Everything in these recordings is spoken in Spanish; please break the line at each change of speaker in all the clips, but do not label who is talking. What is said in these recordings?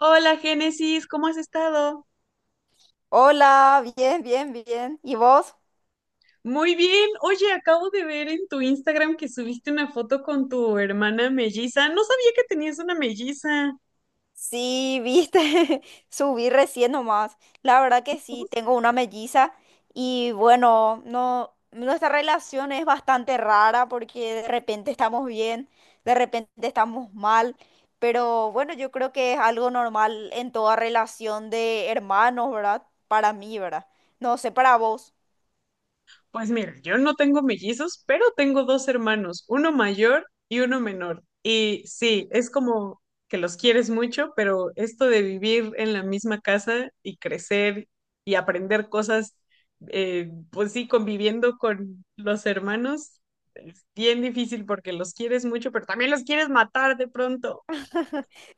Hola Génesis, ¿cómo has estado?
Hola, bien, bien, bien. ¿Y vos?
Muy bien. Oye, acabo de ver en tu Instagram que subiste una foto con tu hermana melliza. No sabía que tenías una melliza.
Sí, viste, subí recién nomás. La verdad que sí, tengo una melliza y bueno, no, nuestra relación es bastante rara porque de repente estamos bien, de repente estamos mal, pero bueno, yo creo que es algo normal en toda relación de hermanos, ¿verdad? Para mí, ¿verdad? No sé, para vos.
Pues mira, yo no tengo mellizos, pero tengo dos hermanos, uno mayor y uno menor. Y sí, es como que los quieres mucho, pero esto de vivir en la misma casa y crecer y aprender cosas, pues sí, conviviendo con los hermanos, es bien difícil porque los quieres mucho, pero también los quieres matar de pronto.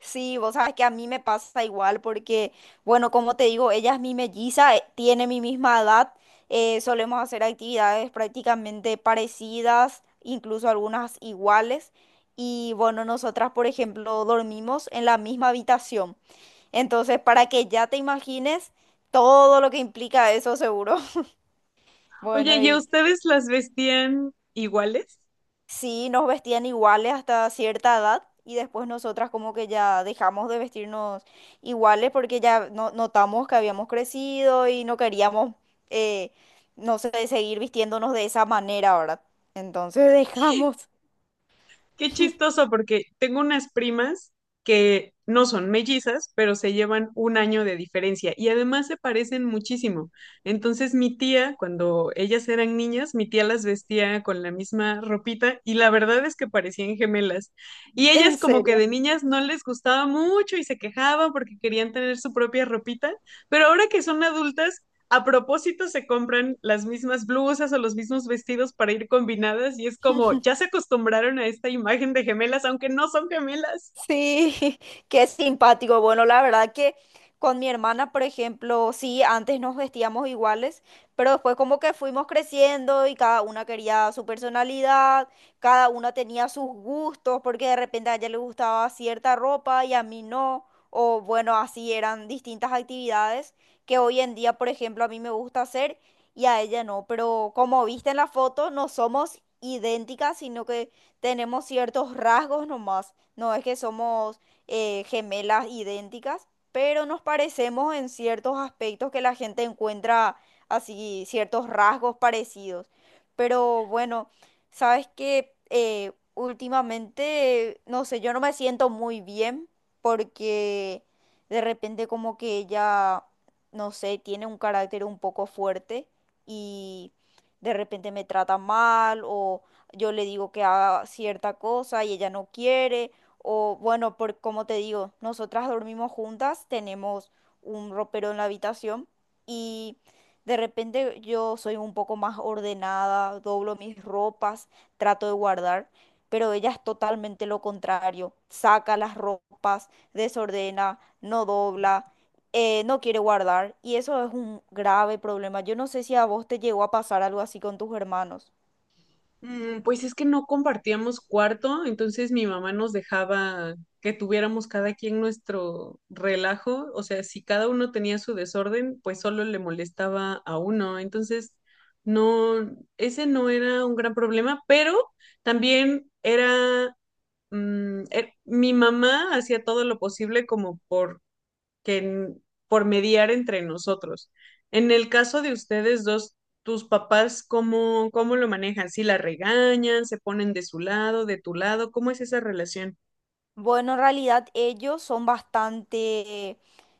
Sí, vos sabes que a mí me pasa igual porque, bueno, como te digo, ella es mi melliza, tiene mi misma edad, solemos hacer actividades prácticamente parecidas, incluso algunas iguales, y bueno, nosotras, por ejemplo, dormimos en la misma habitación. Entonces, para que ya te imagines todo lo que implica eso, seguro.
Oye,
Bueno,
¿y a
y
ustedes las vestían iguales?
sí, nos vestían iguales hasta cierta edad y después nosotras como que ya dejamos de vestirnos iguales porque notamos que habíamos crecido y no queríamos, eh, no sé, seguir vistiéndonos de esa manera ahora. Entonces dejamos,
Qué chistoso, porque tengo unas primas que no son mellizas, pero se llevan un año de diferencia y además se parecen muchísimo. Entonces mi tía, cuando ellas eran niñas, mi tía las vestía con la misma ropita y la verdad es que parecían gemelas. Y ellas
en
como que
serio.
de niñas no les gustaba mucho y se quejaban porque querían tener su propia ropita, pero ahora que son adultas, a propósito se compran las mismas blusas o los mismos vestidos para ir combinadas y es como, ya se acostumbraron a esta imagen de gemelas, aunque no son gemelas.
Sí, qué simpático. Bueno, la verdad que con mi hermana, por ejemplo, sí, antes nos vestíamos iguales, pero después como que fuimos creciendo y cada una quería su personalidad, cada una tenía sus gustos, porque de repente a ella le gustaba cierta ropa y a mí no, o bueno, así eran distintas actividades que hoy en día, por ejemplo, a mí me gusta hacer y a ella no, pero como viste en la foto, no somos idénticas, sino que tenemos ciertos rasgos nomás. No es que somos gemelas idénticas, pero nos parecemos en ciertos aspectos que la gente encuentra así, ciertos rasgos parecidos. Pero bueno, sabes que últimamente, no sé, yo no me siento muy bien porque de repente como que ella, no sé, tiene un carácter un poco fuerte y de repente me trata mal o yo le digo que haga cierta cosa y ella no quiere. O bueno, por como te digo, nosotras dormimos juntas, tenemos un ropero en la habitación y de repente yo soy un poco más ordenada, doblo mis ropas, trato de guardar, pero ella es totalmente lo contrario. Saca las ropas, desordena, no dobla, no quiere guardar y eso es un grave problema. Yo no sé si a vos te llegó a pasar algo así con tus hermanos.
Mm, pues es que no compartíamos cuarto, entonces mi mamá nos dejaba que tuviéramos cada quien nuestro relajo, o sea, si cada uno tenía su desorden, pues solo le molestaba a uno, entonces no, ese no era un gran problema, pero también era mi mamá hacía todo lo posible como por que, n- por mediar entre nosotros. En el caso de ustedes dos, tus papás, ¿cómo, cómo lo manejan? ¿Si la regañan, se ponen de su lado, de tu lado? ¿Cómo es esa relación?
Bueno, en realidad ellos son bastante,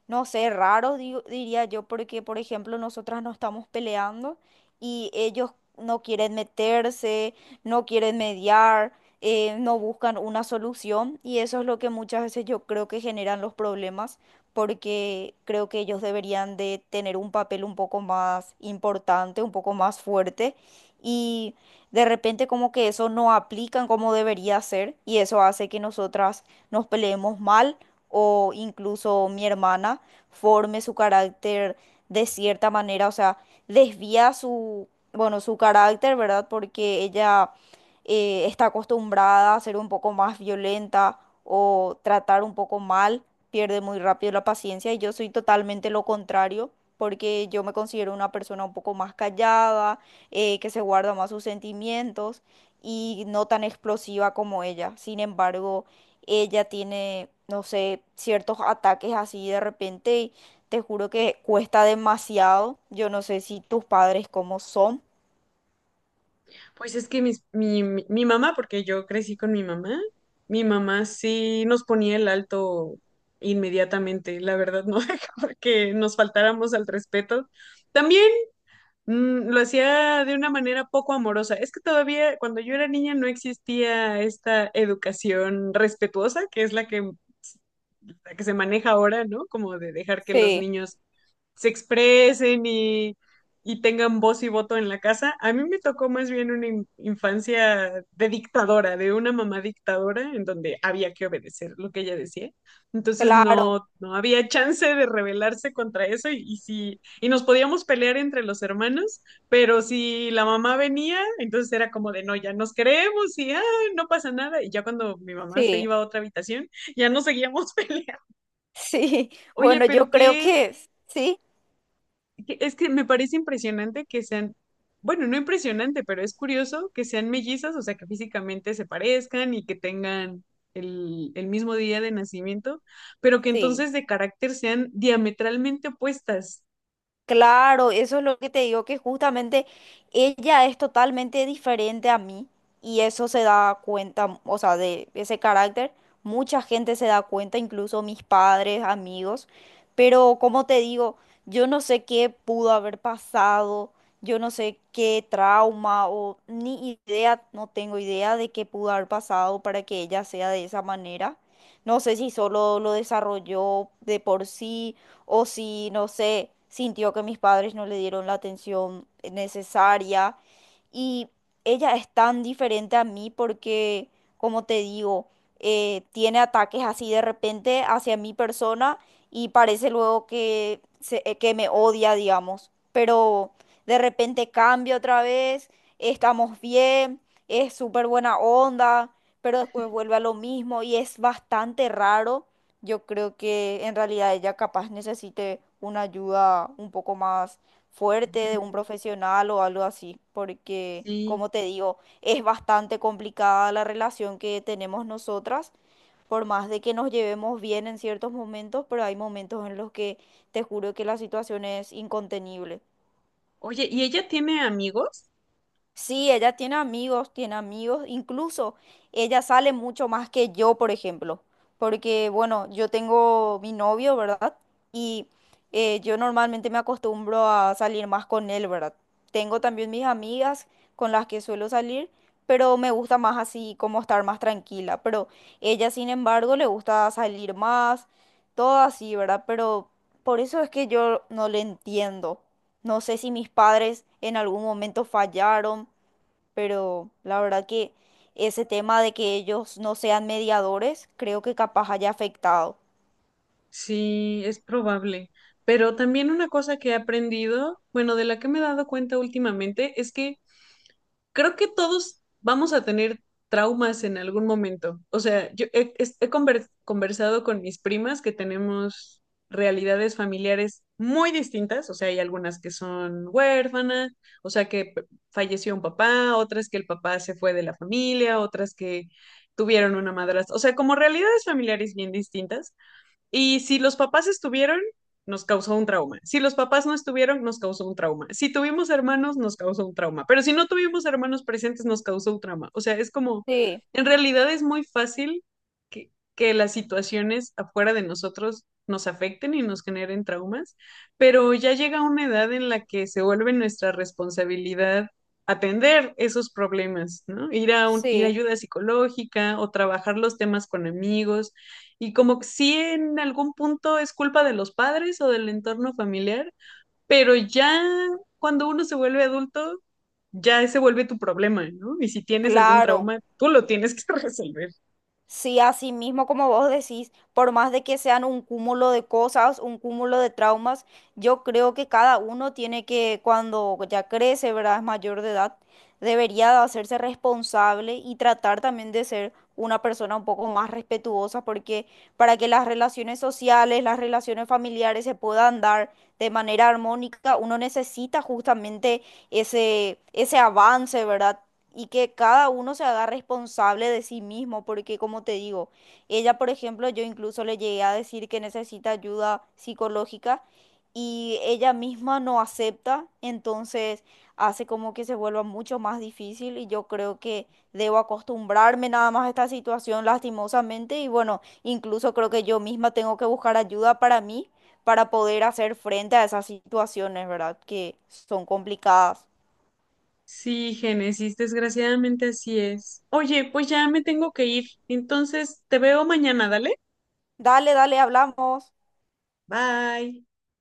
no sé, raros, diría yo, porque, por ejemplo, nosotras no estamos peleando y ellos no quieren meterse, no quieren mediar, no buscan una solución y eso es lo que muchas veces yo creo que generan los problemas, porque creo que ellos deberían de tener un papel un poco más importante, un poco más fuerte y de repente como que eso no aplican como debería ser y eso hace que nosotras nos peleemos mal o incluso mi hermana forme su carácter de cierta manera, o sea, desvía su, bueno, su carácter, ¿verdad? Porque ella está acostumbrada a ser un poco más violenta o tratar un poco mal, pierde muy rápido la paciencia y yo soy totalmente lo contrario. Porque yo me considero una persona un poco más callada, que se guarda más sus sentimientos y no tan explosiva como ella. Sin embargo, ella tiene, no sé, ciertos ataques así de repente y te juro que cuesta demasiado. Yo no sé si tus padres cómo son.
Pues es que mi mamá, porque yo crecí con mi mamá sí nos ponía el alto inmediatamente, la verdad no dejaba que nos faltáramos al respeto. También lo hacía de una manera poco amorosa. Es que todavía cuando yo era niña no existía esta educación respetuosa, que es la que se maneja ahora, ¿no? Como de dejar que los
Sí,
niños se expresen y tengan voz y voto en la casa. A mí me tocó más bien una infancia de dictadora, de una mamá dictadora, en donde había que obedecer lo que ella decía. Entonces
claro,
no, no había chance de rebelarse contra eso y sí, y nos podíamos pelear entre los hermanos, pero si la mamá venía, entonces era como de no, ya nos queremos y ah, no pasa nada. Y ya cuando mi mamá se
sí,
iba a otra habitación, ya no seguíamos peleando.
sí.
Oye,
Bueno, yo creo que sí.
Es que me parece impresionante que sean, bueno, no impresionante, pero es curioso que sean mellizas, o sea, que físicamente se parezcan y que tengan el mismo día de nacimiento, pero que
Sí.
entonces de carácter sean diametralmente opuestas.
Claro, eso es lo que te digo, que justamente ella es totalmente diferente a mí y eso se da cuenta, o sea, de ese carácter, mucha gente se da cuenta, incluso mis padres, amigos, pero como te digo, yo no sé qué pudo haber pasado, yo no sé qué trauma o ni idea, no tengo idea de qué pudo haber pasado para que ella sea de esa manera. No sé si solo lo desarrolló de por sí o si, no sé, sintió que mis padres no le dieron la atención necesaria. Y ella es tan diferente a mí porque, como te digo, tiene ataques así de repente hacia mi persona y parece luego que, que me odia, digamos. Pero de repente cambia otra vez, estamos bien, es súper buena onda, pero después vuelve a lo mismo y es bastante raro. Yo creo que en realidad ella capaz necesite una ayuda un poco más fuerte de un
Ujú.
profesional o algo así, porque
Sí.
como te digo, es bastante complicada la relación que tenemos nosotras, por más de que nos llevemos bien en ciertos momentos, pero hay momentos en los que te juro que la situación es incontenible.
Oye, ¿y ella tiene amigos?
Sí, ella tiene amigos, incluso ella sale mucho más que yo, por ejemplo, porque bueno, yo tengo mi novio, ¿verdad? Y yo normalmente me acostumbro a salir más con él, ¿verdad? Tengo también mis amigas con las que suelo salir, pero me gusta más así como estar más tranquila, pero ella, sin embargo, le gusta salir más, todo así, ¿verdad? Pero por eso es que yo no le entiendo. No sé si mis padres en algún momento fallaron, pero la verdad que ese tema de que ellos no sean mediadores, creo que capaz haya afectado.
Sí, es probable. Pero también una cosa que he aprendido, bueno, de la que me he dado cuenta últimamente, es que creo que todos vamos a tener traumas en algún momento. O sea, yo he, es- he conver- conversado con mis primas que tenemos realidades familiares muy distintas. O sea, hay algunas que son huérfanas, o sea, falleció un papá, otras que el papá se fue de la familia, otras que tuvieron una madrastra. O sea, como realidades familiares bien distintas. Y si los papás estuvieron, nos causó un trauma. Si los papás no estuvieron, nos causó un trauma. Si tuvimos hermanos, nos causó un trauma. Pero si no tuvimos hermanos presentes, nos causó un trauma. O sea, es como,
Sí,
en realidad es muy fácil que las situaciones afuera de nosotros nos afecten y nos generen traumas, pero ya llega una edad en la que se vuelve nuestra responsabilidad atender esos problemas, ¿no? Ir a
sí.
ayuda psicológica o trabajar los temas con amigos y como que sí en algún punto es culpa de los padres o del entorno familiar, pero ya cuando uno se vuelve adulto, ya se vuelve tu problema, ¿no? Y si tienes algún
Claro.
trauma, tú lo tienes que resolver.
Sí, así mismo como vos decís, por más de que sean un cúmulo de cosas, un cúmulo de traumas, yo creo que cada uno tiene que, cuando ya crece, ¿verdad? Es mayor de edad, debería de hacerse responsable y tratar también de ser una persona un poco más respetuosa, porque para que las relaciones sociales, las relaciones familiares se puedan dar de manera armónica, uno necesita justamente ese, ese avance, ¿verdad? Y que cada uno se haga responsable de sí mismo, porque como te digo, ella, por ejemplo, yo incluso le llegué a decir que necesita ayuda psicológica y ella misma no acepta, entonces hace como que se vuelva mucho más difícil y yo creo que debo acostumbrarme nada más a esta situación lastimosamente y bueno, incluso creo que yo misma tengo que buscar ayuda para mí para poder hacer frente a esas situaciones, ¿verdad? Que son complicadas.
Sí, Génesis, desgraciadamente así es. Oye, pues ya me tengo que ir, entonces te veo mañana, dale.
Dale, dale, hablamos.
Bye.